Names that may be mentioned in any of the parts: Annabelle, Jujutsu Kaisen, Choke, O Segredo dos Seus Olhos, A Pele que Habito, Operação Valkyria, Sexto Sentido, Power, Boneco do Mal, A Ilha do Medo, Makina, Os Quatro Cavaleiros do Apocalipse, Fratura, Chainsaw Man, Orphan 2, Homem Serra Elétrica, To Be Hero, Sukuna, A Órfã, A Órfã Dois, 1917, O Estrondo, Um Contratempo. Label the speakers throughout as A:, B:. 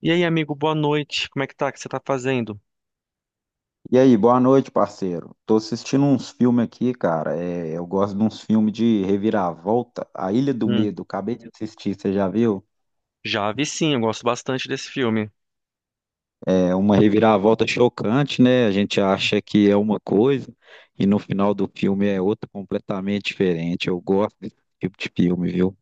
A: E aí, amigo, boa noite. Como é que tá? O que você tá fazendo?
B: E aí, boa noite, parceiro. Tô assistindo uns filmes aqui, cara. É, eu gosto de uns filmes de reviravolta. A Ilha do
A: Hum,
B: Medo, acabei de assistir, você já viu?
A: já vi sim, eu gosto bastante desse filme.
B: É uma reviravolta chocante, né? A gente acha que é uma coisa e no final do filme é outra completamente diferente. Eu gosto desse tipo de filme, viu?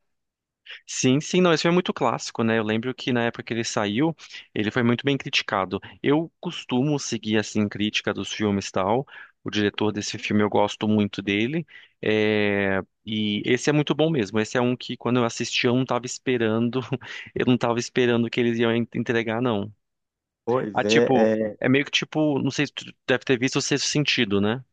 A: Sim, sim, não, esse filme é muito clássico, né? Eu lembro que na época que ele saiu, ele foi muito bem criticado. Eu costumo seguir, assim, crítica dos filmes e tal. O diretor desse filme, eu gosto muito dele. É, E esse é muito bom mesmo. Esse é um que, quando eu assisti, eu não tava esperando. Eu não tava esperando que eles iam entregar, não.
B: Pois
A: Ah,
B: é,
A: tipo,
B: é,
A: é meio que tipo, não sei se tu deve ter visto o Sexto Sentido, né?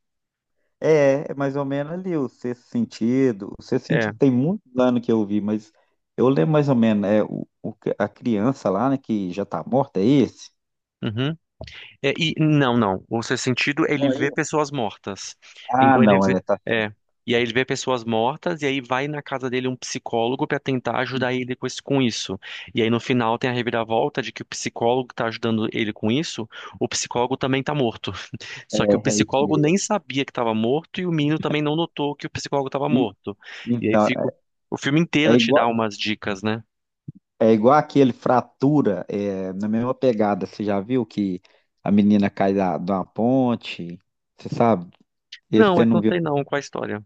B: é, é mais ou menos ali o Sexto Sentido. O Sexto
A: É.
B: Sentido tem muitos anos que eu vi, mas eu lembro mais ou menos, é a criança lá, né, que já tá morta, é esse?
A: Uhum. É, e não, não. O sexto sentido, é ele vê pessoas mortas.
B: Ah,
A: Então ele
B: não,
A: vê,
B: é, tá
A: é,
B: certo.
A: e aí ele vê pessoas mortas e aí vai na casa dele um psicólogo para tentar ajudar ele com isso, com isso. E aí no final tem a reviravolta de que o psicólogo que tá ajudando ele com isso, o psicólogo também tá morto.
B: É,
A: Só que o
B: é isso
A: psicólogo
B: mesmo.
A: nem sabia que estava morto e o menino também não notou que o psicólogo estava
B: E-
A: morto. E aí
B: então,
A: fica o filme
B: é
A: inteiro te
B: igual,
A: dá umas dicas, né?
B: é igual aquele Fratura, é, na mesma pegada. Você já viu que a menina cai de uma ponte? Você sabe? Esse
A: Não,
B: você
A: eu
B: não
A: não
B: viu?
A: sei não qual é a história.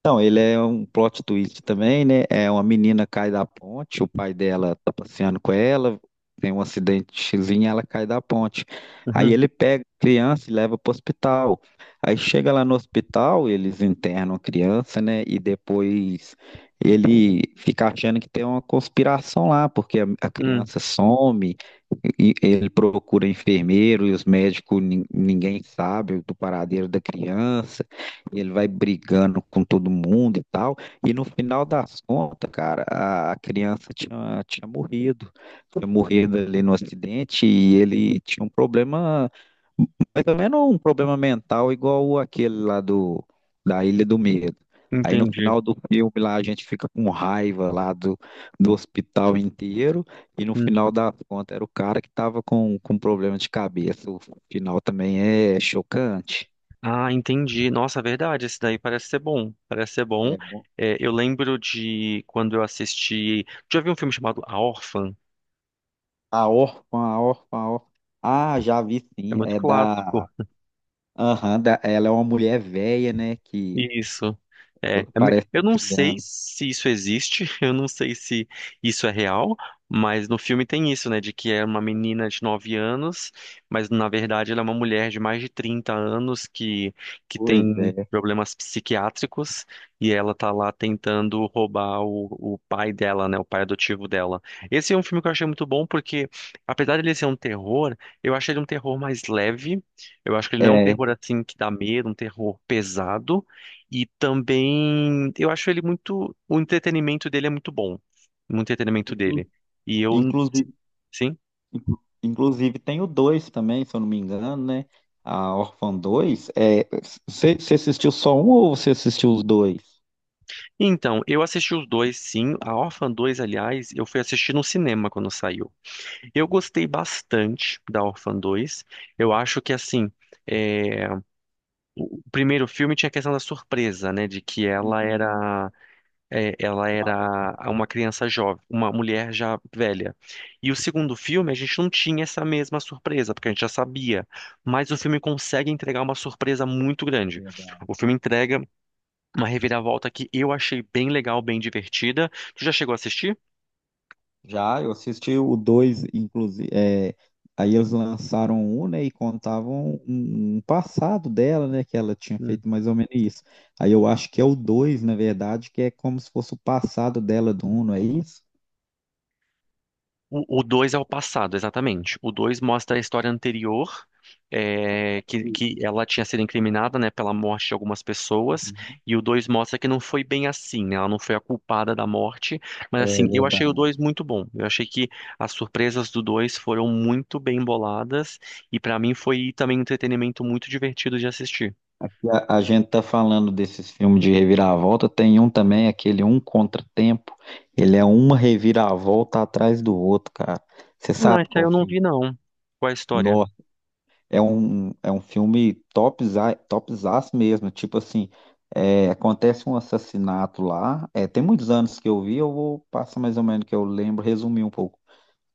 B: Então, ele é um plot twist também, né? É uma menina cai da ponte, o pai dela tá passeando com ela, tem um acidentezinho, ela cai da ponte. Aí
A: Uhum,
B: ele pega a criança e leva pro hospital. Aí chega lá no hospital, eles internam a criança, né? E depois ele fica achando que tem uma conspiração lá, porque a
A: hum,
B: criança some, e ele procura enfermeiro e os médicos, ninguém sabe do paradeiro da criança. E ele vai brigando com todo mundo e tal. E no final das contas, cara, a criança tinha, tinha morrido. Tinha morrido ali no acidente e ele tinha um problema, mais ou menos um problema mental igual aquele lá do, da Ilha do Medo. Aí no
A: entendi.
B: final do filme lá a gente fica com raiva lá do, do hospital inteiro e no
A: Hum.
B: final das contas era o cara que tava com problema de cabeça. O final também é chocante.
A: Ah, entendi. Nossa, é verdade. Esse daí parece ser bom. Parece ser bom.
B: É
A: É, eu lembro de quando eu assisti. Já vi um filme chamado A Órfã?
B: a Órfã, a Órfã, a Órfã. Ah, já vi
A: É
B: sim.
A: muito
B: É
A: clássico.
B: da. Aham, da... ela é uma mulher velha, né? Que
A: Isso. É.
B: parece
A: Eu
B: uma
A: não sei
B: criança.
A: se isso existe, eu não sei se isso é real, mas no filme tem isso, né? De que é uma menina de 9 anos, mas na verdade ela é uma mulher de mais de 30 anos que
B: Pois
A: tem
B: é.
A: problemas psiquiátricos e ela tá lá tentando roubar o pai dela, né? O pai adotivo dela. Esse é um filme que eu achei muito bom porque, apesar dele ser um terror, eu achei ele um terror mais leve. Eu acho que ele não é um
B: É.
A: terror assim que dá medo, um terror pesado. E também, eu acho ele muito, o entretenimento dele é muito bom, o entretenimento
B: Inclu-
A: dele. E eu,
B: Inclusive,
A: sim.
B: inclusive tem o 2 também, se eu não me engano, né? A Órfã dois. É... Você assistiu só um ou você assistiu os dois?
A: Então, eu assisti os dois, sim. A Orphan 2, aliás, eu fui assistir no cinema quando saiu. Eu gostei bastante da Orphan 2. Eu acho que, assim, é, o o primeiro filme tinha a questão da surpresa, né, de que ela
B: Uhum.
A: era. É, ela era uma criança jovem, uma mulher já velha. E o segundo filme, a gente não tinha essa mesma surpresa, porque a gente já sabia. Mas o filme consegue entregar uma surpresa muito grande. O filme entrega uma reviravolta que eu achei bem legal, bem divertida. Tu já chegou a assistir?
B: Já, eu assisti o 2 inclusive. É, aí eles lançaram um, né? E contavam um passado dela, né? Que ela tinha feito mais ou menos isso. Aí eu acho que é o 2 na verdade, que é como se fosse o passado dela do um, não é isso?
A: O 2 é o passado, exatamente. O 2 mostra a história anterior, é, que ela tinha sido incriminada, né, pela morte de algumas pessoas,
B: Uhum.
A: e o 2 mostra que não foi bem assim, né, ela não foi a culpada da morte, mas
B: É
A: assim, eu achei o
B: verdade.
A: 2 muito bom. Eu achei que as surpresas do 2 foram muito bem boladas, e pra mim foi também um entretenimento muito divertido de assistir.
B: E a gente tá falando desses filmes de reviravolta, tem um também, aquele Um Contratempo. Ele é uma reviravolta atrás do outro, cara. Você
A: Não,
B: sabe
A: esse aí
B: qual
A: eu não
B: filme?
A: vi, não. Qual é a história?
B: É um filme topza, topzaço mesmo. Tipo assim, é, acontece um assassinato lá. É, tem muitos anos que eu vi, eu vou passar mais ou menos que eu lembro, resumir um pouco.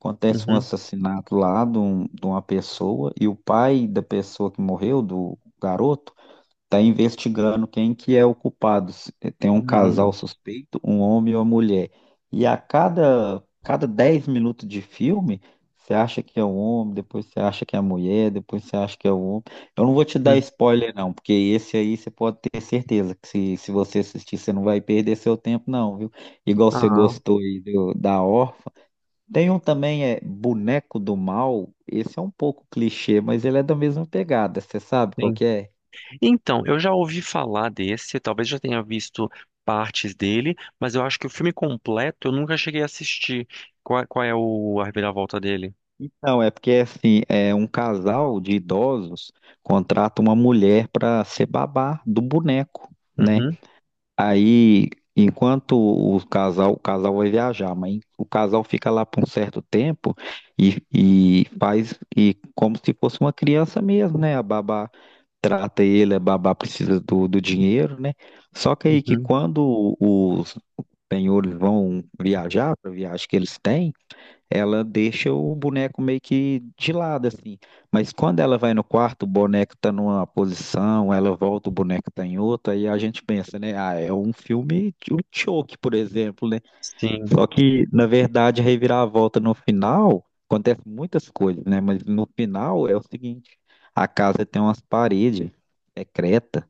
B: Acontece um
A: Uhum.
B: assassinato lá de uma pessoa e o pai da pessoa que morreu, do garoto, tá investigando quem que é o culpado. Se- tem um casal
A: Uhum.
B: suspeito, um homem e uma mulher. E a cada 10 minutos de filme, você acha que é o homem, depois você acha que é a mulher, depois você acha que é o homem. Eu não vou te dar
A: Uhum.
B: spoiler, não, porque esse aí você pode ter certeza que se você assistir, você não vai perder seu tempo, não, viu? Igual você
A: Ah,
B: gostou aí do- da Órfã. Tem um também, é Boneco do Mal. Esse é um pouco clichê, mas ele é da mesma pegada. Você sabe qual
A: sim.
B: que é?
A: Então, eu já ouvi falar desse, talvez já tenha visto partes dele, mas eu acho que o filme completo eu nunca cheguei a assistir. Qual, qual é o a reviravolta dele?
B: Então, é porque assim, é um casal de idosos contrata uma mulher para ser babá do boneco, né?
A: Uhum,
B: Aí, enquanto o casal vai viajar, mas o casal fica lá por um certo tempo e faz e como se fosse uma criança mesmo, né? A babá trata ele, a babá precisa do dinheiro, né? Só que aí que
A: uhum,
B: quando os senhores vão viajar, para a viagem que eles têm, ela deixa o boneco meio que de lado, assim. Mas quando ela vai no quarto, o boneco tá numa posição, ela volta, o boneco tá em outra, e a gente pensa, né? Ah, é um filme, de- o Choke, por exemplo, né?
A: sim.
B: Só que, na verdade, a reviravolta no final, acontece muitas coisas, né? Mas no final é o seguinte, a casa tem umas paredes secretas,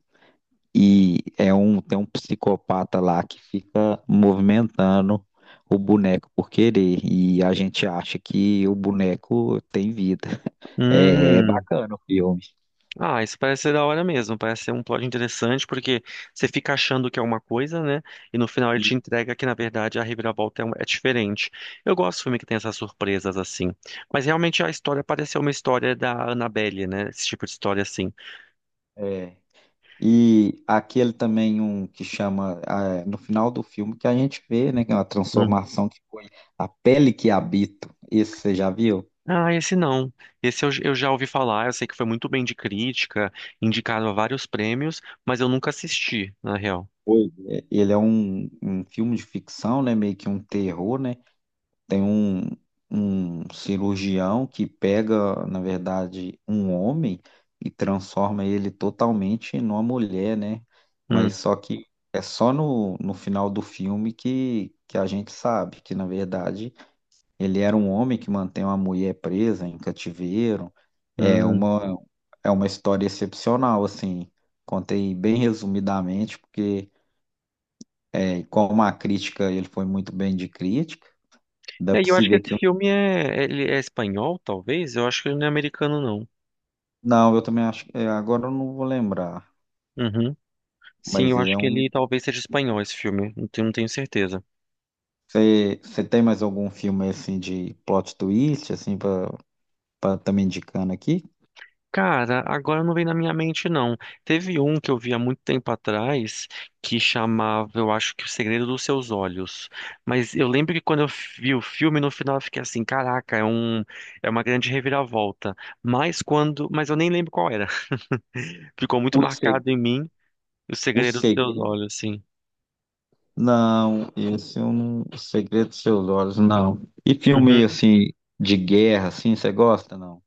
B: e é um, tem um psicopata lá que fica movimentando o boneco por querer. E a gente acha que o boneco tem vida. É, é
A: Hum.
B: bacana o filme.
A: Ah, isso parece ser da hora mesmo, parece ser um plot interessante, porque você fica achando que é uma coisa, né? E no final ele te
B: E,
A: entrega que, na verdade, a reviravolta é diferente. Eu gosto de filme que tem essas surpresas assim. Mas realmente a história pareceu uma história da Annabelle, né? Esse tipo de história assim.
B: é, e aquele também um que chama, ah, no final do filme, que a gente vê, né, que é uma transformação que foi A Pele que Habito. Esse você já viu?
A: Ah, esse não. Esse eu já ouvi falar, eu sei que foi muito bem de crítica, indicado a vários prêmios, mas eu nunca assisti, na real.
B: Pois é. Ele é um, um filme de ficção, né, meio que um terror, né? Tem um, cirurgião que pega, na verdade, um homem e transforma ele totalmente numa mulher, né? Mas
A: Hum,
B: só que é só no, no final do filme que a gente sabe que, na verdade, ele era um homem que mantém uma mulher presa em cativeiro. É
A: hum.
B: uma, é uma história excepcional, assim. Contei bem resumidamente, porque é, como a crítica, ele foi muito bem de crítica. Dá
A: E
B: para
A: eu
B: se
A: acho que
B: ver
A: esse
B: que
A: filme é, ele é espanhol, talvez? Eu acho que ele não é americano, não.
B: não, eu também acho. É, agora eu não vou lembrar,
A: Uhum. Sim,
B: mas
A: eu
B: ele
A: acho
B: é
A: que
B: um.
A: ele talvez seja espanhol, esse filme. Não tenho, não tenho certeza.
B: Você tem mais algum filme assim de plot twist, assim, pra estar tá me indicando aqui?
A: Cara, agora não vem na minha mente, não. Teve um que eu vi há muito tempo atrás que chamava, eu acho que O Segredo dos Seus Olhos. Mas eu lembro que quando eu vi o filme, no final eu fiquei assim, caraca, é uma grande reviravolta. Mas quando, mas eu nem lembro qual era. Ficou muito
B: O, se...
A: marcado em mim O
B: o
A: Segredo dos Seus
B: Segredo?
A: Olhos, assim.
B: Não, esse eu não. O Segredo dos Seus Olhos, não. E filme assim, de guerra, assim, você gosta, não?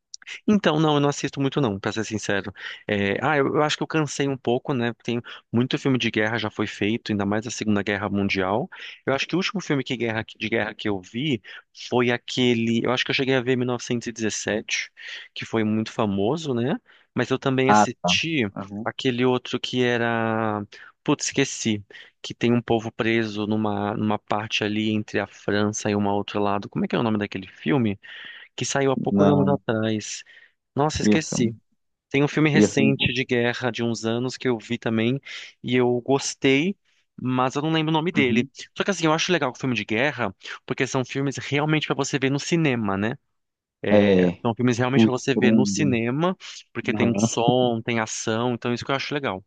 A: Então, não, eu não assisto muito não, pra ser sincero. É, ah, eu acho que eu cansei um pouco, né? Tem muito filme de guerra já foi feito, ainda mais a Segunda Guerra Mundial. Eu acho que o último filme que de guerra que eu vi foi aquele, eu acho que eu cheguei a ver em 1917, que foi muito famoso, né? Mas eu também
B: Ah, tá.
A: assisti
B: Aham.
A: aquele outro que era, putz, esqueci, que tem um povo preso numa numa parte ali entre a França e um outro lado. Como é que é o nome daquele filme? Que saiu há poucos anos
B: Não,
A: atrás. Nossa,
B: esse eu
A: esqueci.
B: não.
A: Tem um filme
B: Esse eu
A: recente
B: não.
A: de guerra de uns anos que eu vi também e eu gostei, mas eu não lembro o nome dele.
B: Uhum.
A: Só que assim, eu acho legal o filme de guerra, porque são filmes realmente pra você ver no cinema, né?
B: É,
A: São filmes realmente
B: o
A: pra você ver no
B: Estrondo,
A: cinema, porque
B: né?
A: tem som, tem ação, então isso que eu acho legal.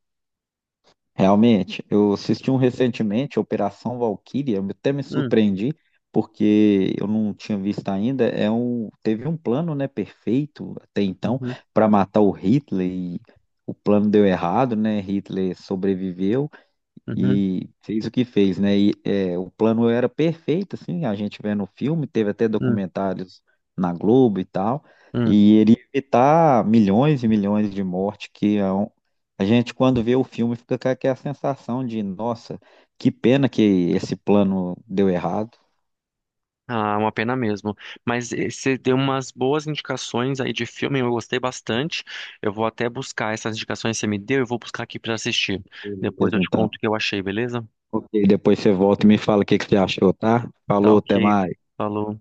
B: Realmente, eu assisti um recentemente, Operação Valkyria, eu até me
A: Hum,
B: surpreendi, porque eu não tinha visto ainda. É um, teve um plano, né, perfeito até então
A: uhum,
B: para matar o Hitler e o plano deu errado, né? Hitler sobreviveu
A: uhum,
B: e fez o que fez, né? E é, o plano era perfeito, assim, a gente vendo o filme, teve até
A: hum,
B: documentários na Globo e tal,
A: hum.
B: e ele ia evitar milhões e milhões de mortes, que é um- a gente, quando vê o filme, fica com aquela sensação de, nossa, que pena que esse plano deu errado.
A: Ah, uma pena mesmo. Mas você deu umas boas indicações aí de filme, eu gostei bastante. Eu vou até buscar essas indicações que você me deu, eu vou buscar aqui para assistir. Depois eu
B: Beleza,
A: te conto o
B: então.
A: que eu achei, beleza?
B: Ok, depois você volta e me fala o que que você achou, tá?
A: Tá
B: Falou, até
A: ok.
B: mais.
A: Falou.